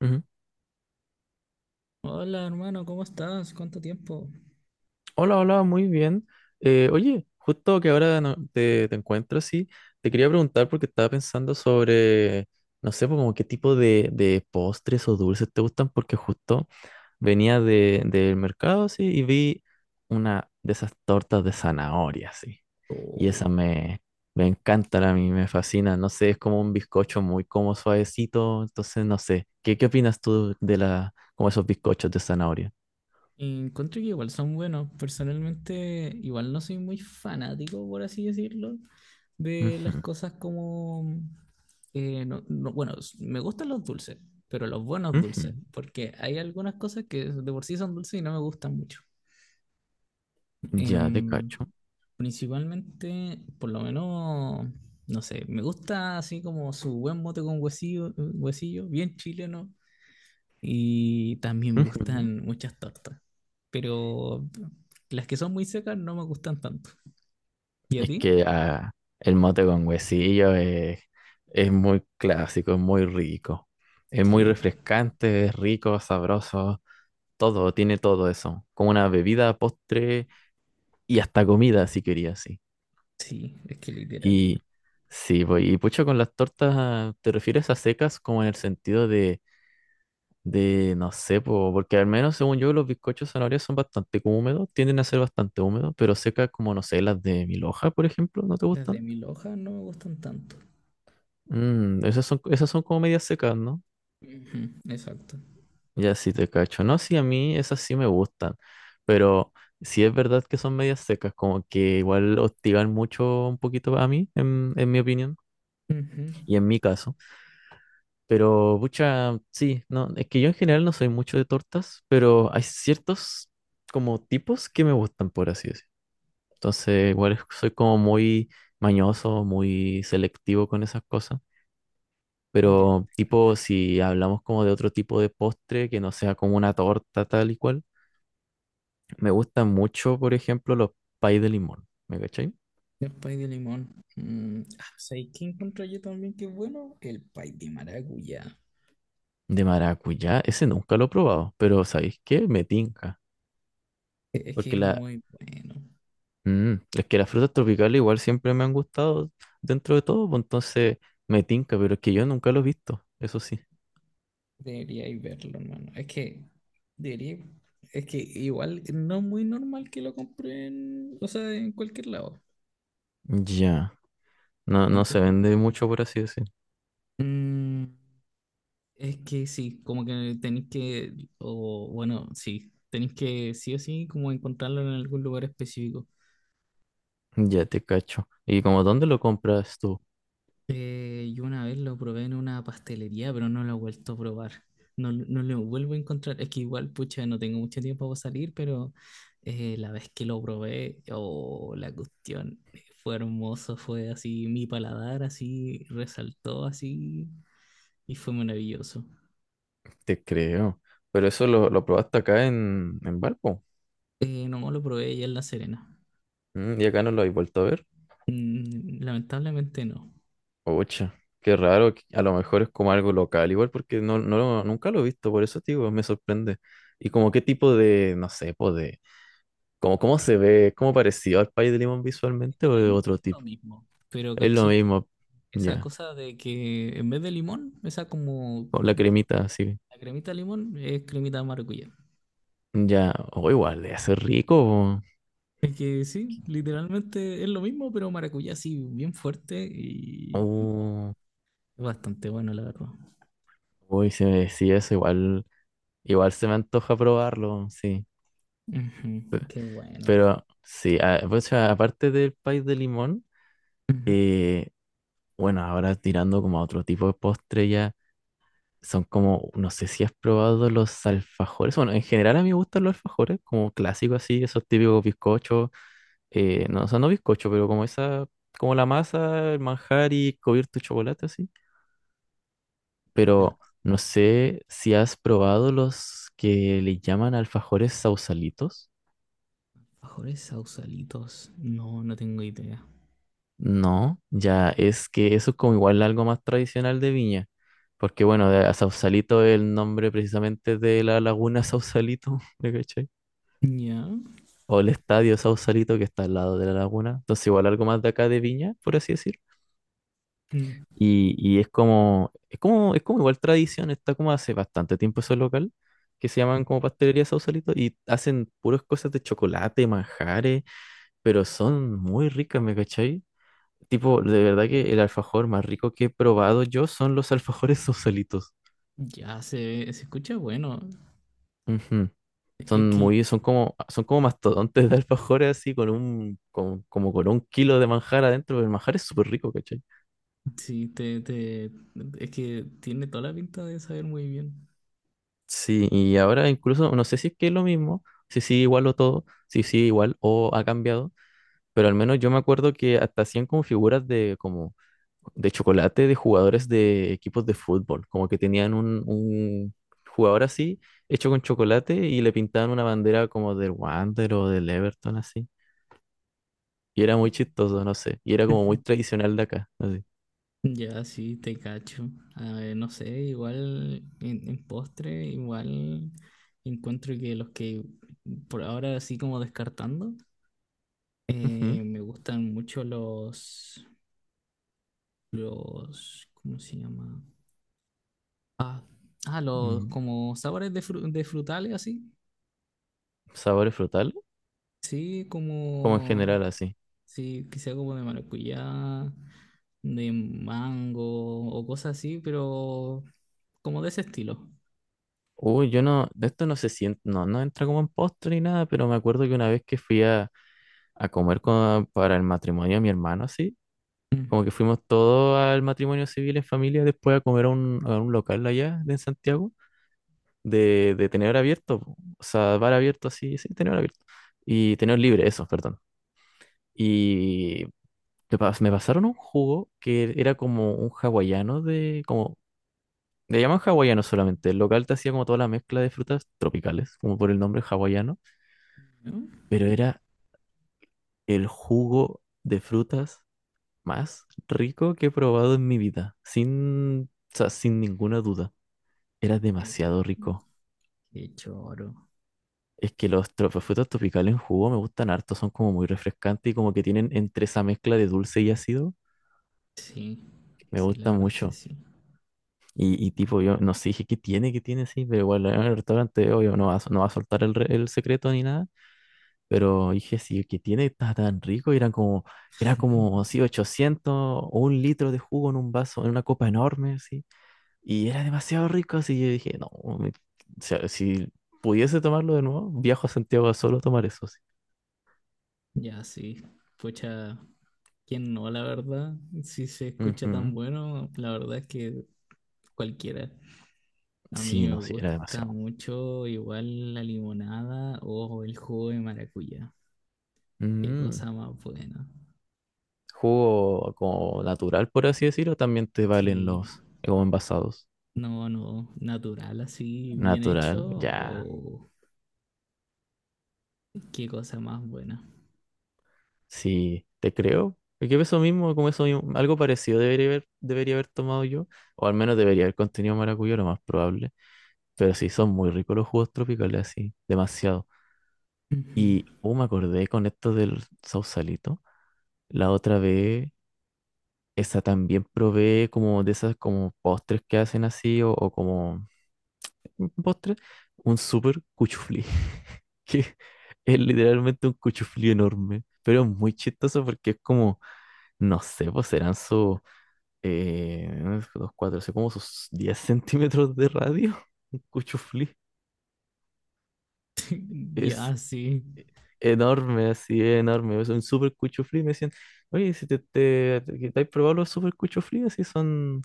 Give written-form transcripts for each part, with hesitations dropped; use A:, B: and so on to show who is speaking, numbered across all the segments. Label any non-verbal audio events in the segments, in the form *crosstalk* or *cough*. A: Ujú.
B: Hola hermano, ¿cómo estás? ¿Cuánto tiempo?
A: Hola, hola, muy bien. Oye, justo que ahora te encuentro así, te quería preguntar porque estaba pensando sobre, no sé, pues, como qué tipo de postres o dulces te gustan, porque justo venía del mercado así y vi una de esas tortas de zanahoria así. Y esa
B: Oh.
A: me encanta a mí, me fascina. No sé, es como un bizcocho muy como suavecito, entonces no sé. ¿Qué opinas tú de la, como esos bizcochos de zanahoria?
B: Encuentro que igual son buenos. Personalmente, igual no soy muy fanático, por así decirlo, de
A: Ujú,
B: las cosas como... bueno, me gustan los dulces, pero los buenos
A: ujú.
B: dulces, porque hay algunas cosas que de por sí son dulces y no me gustan mucho.
A: Ya te
B: Em,
A: cacho.
B: Principalmente, por lo menos, no sé, me gusta así como su buen mote con huesillo, huesillo, bien chileno. Y también me
A: Ujú.
B: gustan muchas tortas, pero las que son muy secas no me gustan tanto. ¿Y a
A: Es
B: ti?
A: que el mote con huesillo es muy clásico, es muy rico. Es muy
B: Sí,
A: refrescante, es rico, sabroso, todo, tiene todo eso. Como una bebida, postre y hasta comida, si querías, sí.
B: sí, es que literal.
A: Y sí, pues, y pucha, con las tortas, ¿te refieres a secas como en el sentido de, no sé, po, porque al menos según yo los bizcochos de zanahoria son bastante como húmedos, tienden a ser bastante húmedos, pero secas como, no sé, las de Miloja, por ejemplo, ¿no te
B: Las de
A: gustan?
B: mil hojas no me gustan tanto.
A: Mm, esas son como medias secas, ¿no?
B: Ujú, exacto.
A: Ya sí te cacho. No, sí, a mí esas sí me gustan, pero sí es verdad que son medias secas, como que igual hostigan mucho un poquito a mí, en mi opinión,
B: Ujú.
A: y en mi caso. Pero, pucha, sí, no, es que yo en general no soy mucho de tortas, pero hay ciertos como tipos que me gustan, por así decirlo. Entonces, igual soy como muy mañoso, muy selectivo con esas cosas.
B: Ya.
A: Pero tipo, si hablamos como de otro tipo de postre que no sea como una torta tal y cual, me gustan mucho, por ejemplo, los pay de limón, ¿me cachai?
B: El pay de limón. Mm, ah, ¿sabes qué encuentro yo también que es bueno? El pay de maracuyá.
A: De maracuyá, ese nunca lo he probado, pero ¿sabéis qué? Me tinca.
B: Es que
A: Porque
B: es muy bueno.
A: es que las frutas tropicales igual siempre me han gustado dentro de todo, pues entonces me tinca, pero es que yo nunca lo he visto, eso sí.
B: Deberíais verlo, hermano. Es que debería, es que igual no es muy normal que lo compren, o sea, en cualquier lado.
A: Ya, no,
B: Y
A: no
B: pu-
A: se vende mucho, por así decir.
B: Mm, es que sí, como que tenéis que, o bueno, sí, tenéis que sí o sí como encontrarlo en algún lugar específico.
A: Ya te cacho. ¿Y como dónde lo compras tú?
B: Yo una vez lo probé en una pastelería, pero no lo he vuelto a probar. No, no lo vuelvo a encontrar. Es que igual, pucha, no tengo mucho tiempo para salir, pero la vez que lo probé, oh, la cuestión fue hermoso, fue así, mi paladar así resaltó así y fue maravilloso.
A: Te creo. Pero eso lo probaste acá en Valpo.
B: No lo probé ya en La Serena.
A: Mm, y acá no lo habéis vuelto a ver.
B: Mm, lamentablemente no.
A: Ocha, qué raro. A lo mejor es como algo local, igual porque nunca lo he visto, por eso, tío, me sorprende. Y como qué tipo de, no sé, pues de, como cómo se ve, cómo parecido al pay de limón visualmente o de
B: Literalmente
A: otro
B: es lo
A: tipo.
B: mismo, pero
A: Es lo
B: caché que
A: mismo,
B: esa
A: ya,
B: cosa de que en vez de limón, esa como
A: con la cremita así.
B: La cremita de limón es cremita de maracuyá.
A: Ya, o igual, debe ser rico.
B: Es que sí, literalmente es lo mismo, pero maracuyá sí, bien fuerte
A: Po.
B: y no, es bastante bueno, la verdad.
A: Uy, si me decía eso, igual. Igual se me antoja probarlo, sí.
B: Ujú,
A: Pe-
B: qué bueno.
A: Pero sí, pues, aparte del país de limón,
B: Ujú.
A: bueno, ahora tirando como a otro tipo de postre ya, son como, no sé si has probado los alfajores. Bueno, en general a mí me gustan los alfajores, como clásicos así, esos típicos bizcochos, no, o sea, no bizcocho, pero como esa, como la masa, el manjar y cubierto de chocolate así.
B: Ya,
A: Pero no sé si has probado los que le llaman alfajores sausalitos.
B: mejores sausalitos. No, no tengo idea.
A: No, ya es que eso es como igual algo más tradicional de Viña, porque bueno, a Sausalito es el nombre precisamente de la laguna Sausalito, *laughs* ¿me cachai?
B: Ya,
A: O el estadio Sausalito que está al lado de la laguna, entonces igual algo más de acá de Viña, por así decir.
B: mm,
A: Y es como igual tradición, está como hace bastante tiempo ese local, que se llaman como pastelería Sausalito, y hacen puras cosas de chocolate, manjares, pero son muy ricas, ¿me cachai? Tipo, de verdad que el alfajor más rico que he probado yo son los alfajores *laughs* sosolitos.
B: ya se escucha bueno.
A: Ujú.
B: Es
A: Son
B: que
A: muy, son como mastodontes de alfajores así como con un kilo de manjar adentro. Pero el manjar es súper rico, ¿cachai?
B: sí, te, es que tiene toda la pinta de saber muy bien.
A: Sí, y ahora incluso, no sé si es que es lo mismo, si sí igual o todo, si sí igual o ha cambiado, pero al menos yo me acuerdo que hasta hacían como figuras de como de chocolate de jugadores de equipos de fútbol, como que tenían un jugador así, hecho con chocolate y le pintaban una bandera como del Wander o del Everton así. Y era muy chistoso, no sé, y era como muy
B: *laughs*
A: tradicional de acá, así.
B: Ya, sí, te cacho. A ver, no sé, igual en postre, igual encuentro que los que por ahora así como descartando,
A: Ujú.
B: me gustan mucho los, ¿cómo se llama? Ah, ah, los
A: mm,
B: como sabores de, de frutales así.
A: Sabores frutales,
B: Sí,
A: como en
B: como,
A: general así.
B: sí, quizá como de maracuyá, de mango o cosas así, pero como de ese estilo.
A: Uy, yo no, de esto no se siente, no, no entra como en postre ni nada, pero me acuerdo que una vez que fui a comer para el matrimonio de mi hermano así, como que fuimos todos al matrimonio civil en familia después a comer a un local allá de Santiago, de tenedor abierto, po. O sea, bar abierto así, sí, tenedor abierto. Y tenedor libre, eso, perdón. Y me pasaron un jugo que era como un hawaiano de, como, le llaman hawaiano solamente. El local te hacía como toda la mezcla de frutas tropicales, como por el nombre hawaiano,
B: Ujú.
A: pero era el jugo de frutas más rico que he probado en mi vida, sin, o sea, sin ninguna duda. Era
B: Es.
A: demasiado rico.
B: Qué choro.
A: Es que los frutos tropicales en jugo me gustan harto, son como muy refrescantes y como que tienen entre esa mezcla de dulce y ácido,
B: Sí,
A: me
B: sí, la
A: gusta
B: verdad es que
A: mucho.
B: sí.
A: Y tipo, yo no sé, dije, ¿qué tiene? ¿Qué tiene? Sí, pero igual en el restaurante, obvio, no va a soltar el secreto ni nada. Pero dije, sí, ¿qué tiene? Está tan rico. Y eran como, era como, sí,
B: *laughs*
A: 800 o un litro de jugo en un vaso, en una copa enorme, sí. Y era demasiado rico, así yo dije, no, me- o sea, si pudiese tomarlo de nuevo, viajo a Santiago a solo tomar eso.
B: Ya, sí. Pucha, ¿quién no, la verdad? Si se escucha
A: Ujú.
B: tan bueno, la verdad es que cualquiera. A mí
A: Sí,
B: me
A: no, sí, era
B: gusta
A: demasiado.
B: mucho igual la limonada o el jugo de maracuyá. Qué
A: Mm.
B: cosa más buena.
A: Jugo como natural, por así decirlo, también te valen
B: Sí,
A: los como envasados.
B: no, no, natural así, bien hecho
A: Natural, ya.
B: o qué cosa más buena.
A: Sí, te creo. Porque eso mismo, como eso mismo, algo parecido debería haber tomado yo. O al menos debería haber contenido maracuyá, lo más probable. Pero sí, son muy ricos los jugos tropicales, así, demasiado.
B: Ujú.
A: Y, oh, me acordé con esto del sausalito. La otra vez esa también provee como de esas como postres que hacen así o como un postre, un super cuchuflí, *laughs* que es literalmente un cuchuflí enorme, pero es muy chistoso porque es como, no sé, pues serán sus, unos dos, cuatro, así como sus 10 centímetros de radio, *laughs* un cuchuflí,
B: *laughs*
A: es
B: Ya, sí,
A: enorme, así es enorme, es un super cuchuflí, me decían, oye, si que te has probado los super cuchuflí, así son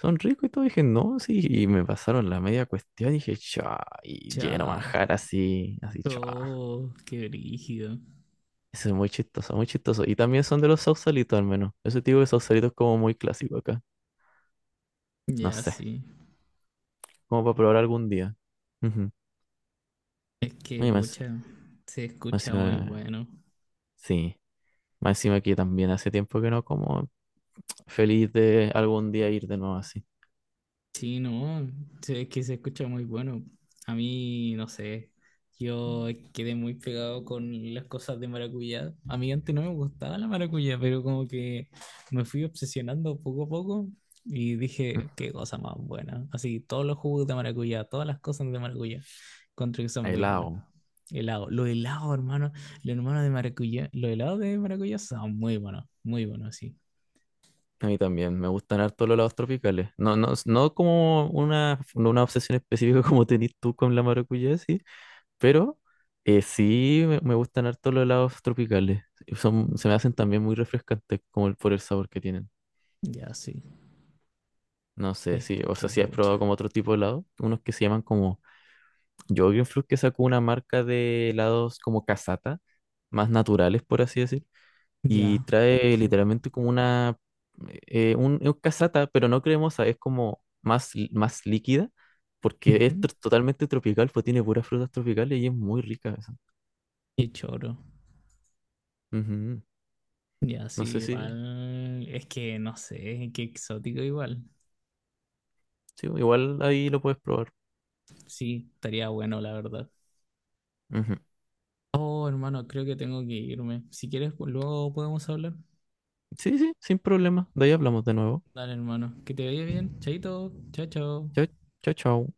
A: son ricos y todo. Dije, no, sí. Y me pasaron la media cuestión. Dije, cha. Y lleno
B: ya.
A: manjar así, así, cha.
B: Oh, qué brígido.
A: Eso es muy chistoso, muy chistoso. Y también son de los sausalitos, al menos. Ese tipo de sausalito es como muy clásico acá. No
B: Ya
A: sé.
B: sí.
A: Como para probar algún día. Ujú.
B: Es que,
A: Oye, más,
B: pucha, se
A: más
B: escucha muy
A: encima,
B: bueno.
A: sí. Más encima que también hace tiempo que no como. Feliz de algún día ir de nuevo así.
B: Sí, no, sí, es que se escucha muy bueno. A mí, no sé, yo quedé muy pegado con las cosas de maracuyá. A mí antes no me gustaba la maracuyá, pero como que me fui obsesionando poco a poco y
A: Mm.
B: dije, qué cosa más buena. Así, todos los jugos de maracuyá, todas las cosas de maracuyá, encuentro que son muy buenas.
A: Helado.
B: Helado, los helados, hermano, los hermanos de maracuyá, los helados de maracuyá son muy buenos, sí.
A: A mí también, me gustan harto los helados tropicales. No, no, no como una, no una obsesión específica *laughs* como tenés tú con la maracuyá, sí, pero sí me gustan harto los helados tropicales. Son, se me hacen también muy refrescantes como el, por el sabor que tienen.
B: Ya, sí,
A: No sé, sí, o sea,
B: qué
A: si has probado
B: bucha.
A: como otro tipo de helado, unos que se llaman como fruit que sacó una marca de helados como casata, más naturales, por así decir y
B: Ya.
A: trae
B: Sí.
A: literalmente como una, un, es casata, pero no cremosa, es como más, más líquida, porque es
B: Ujú.
A: totalmente tropical, pues tiene puras frutas tropicales y es muy rica esa.
B: Qué choro.
A: Ujú.
B: Ya, sí,
A: No sé si,
B: igual. Es que no sé, qué exótico igual.
A: sí, igual ahí lo puedes probar.
B: Sí, estaría bueno, la verdad.
A: Ujú.
B: Oh, hermano, creo que tengo que irme. Si quieres, pues, luego podemos hablar.
A: Sí, sí, sin problema. De ahí hablamos de nuevo.
B: Dale, hermano. Que te vaya bien. Chaito. Chao, chao.
A: Chao, chao, chao.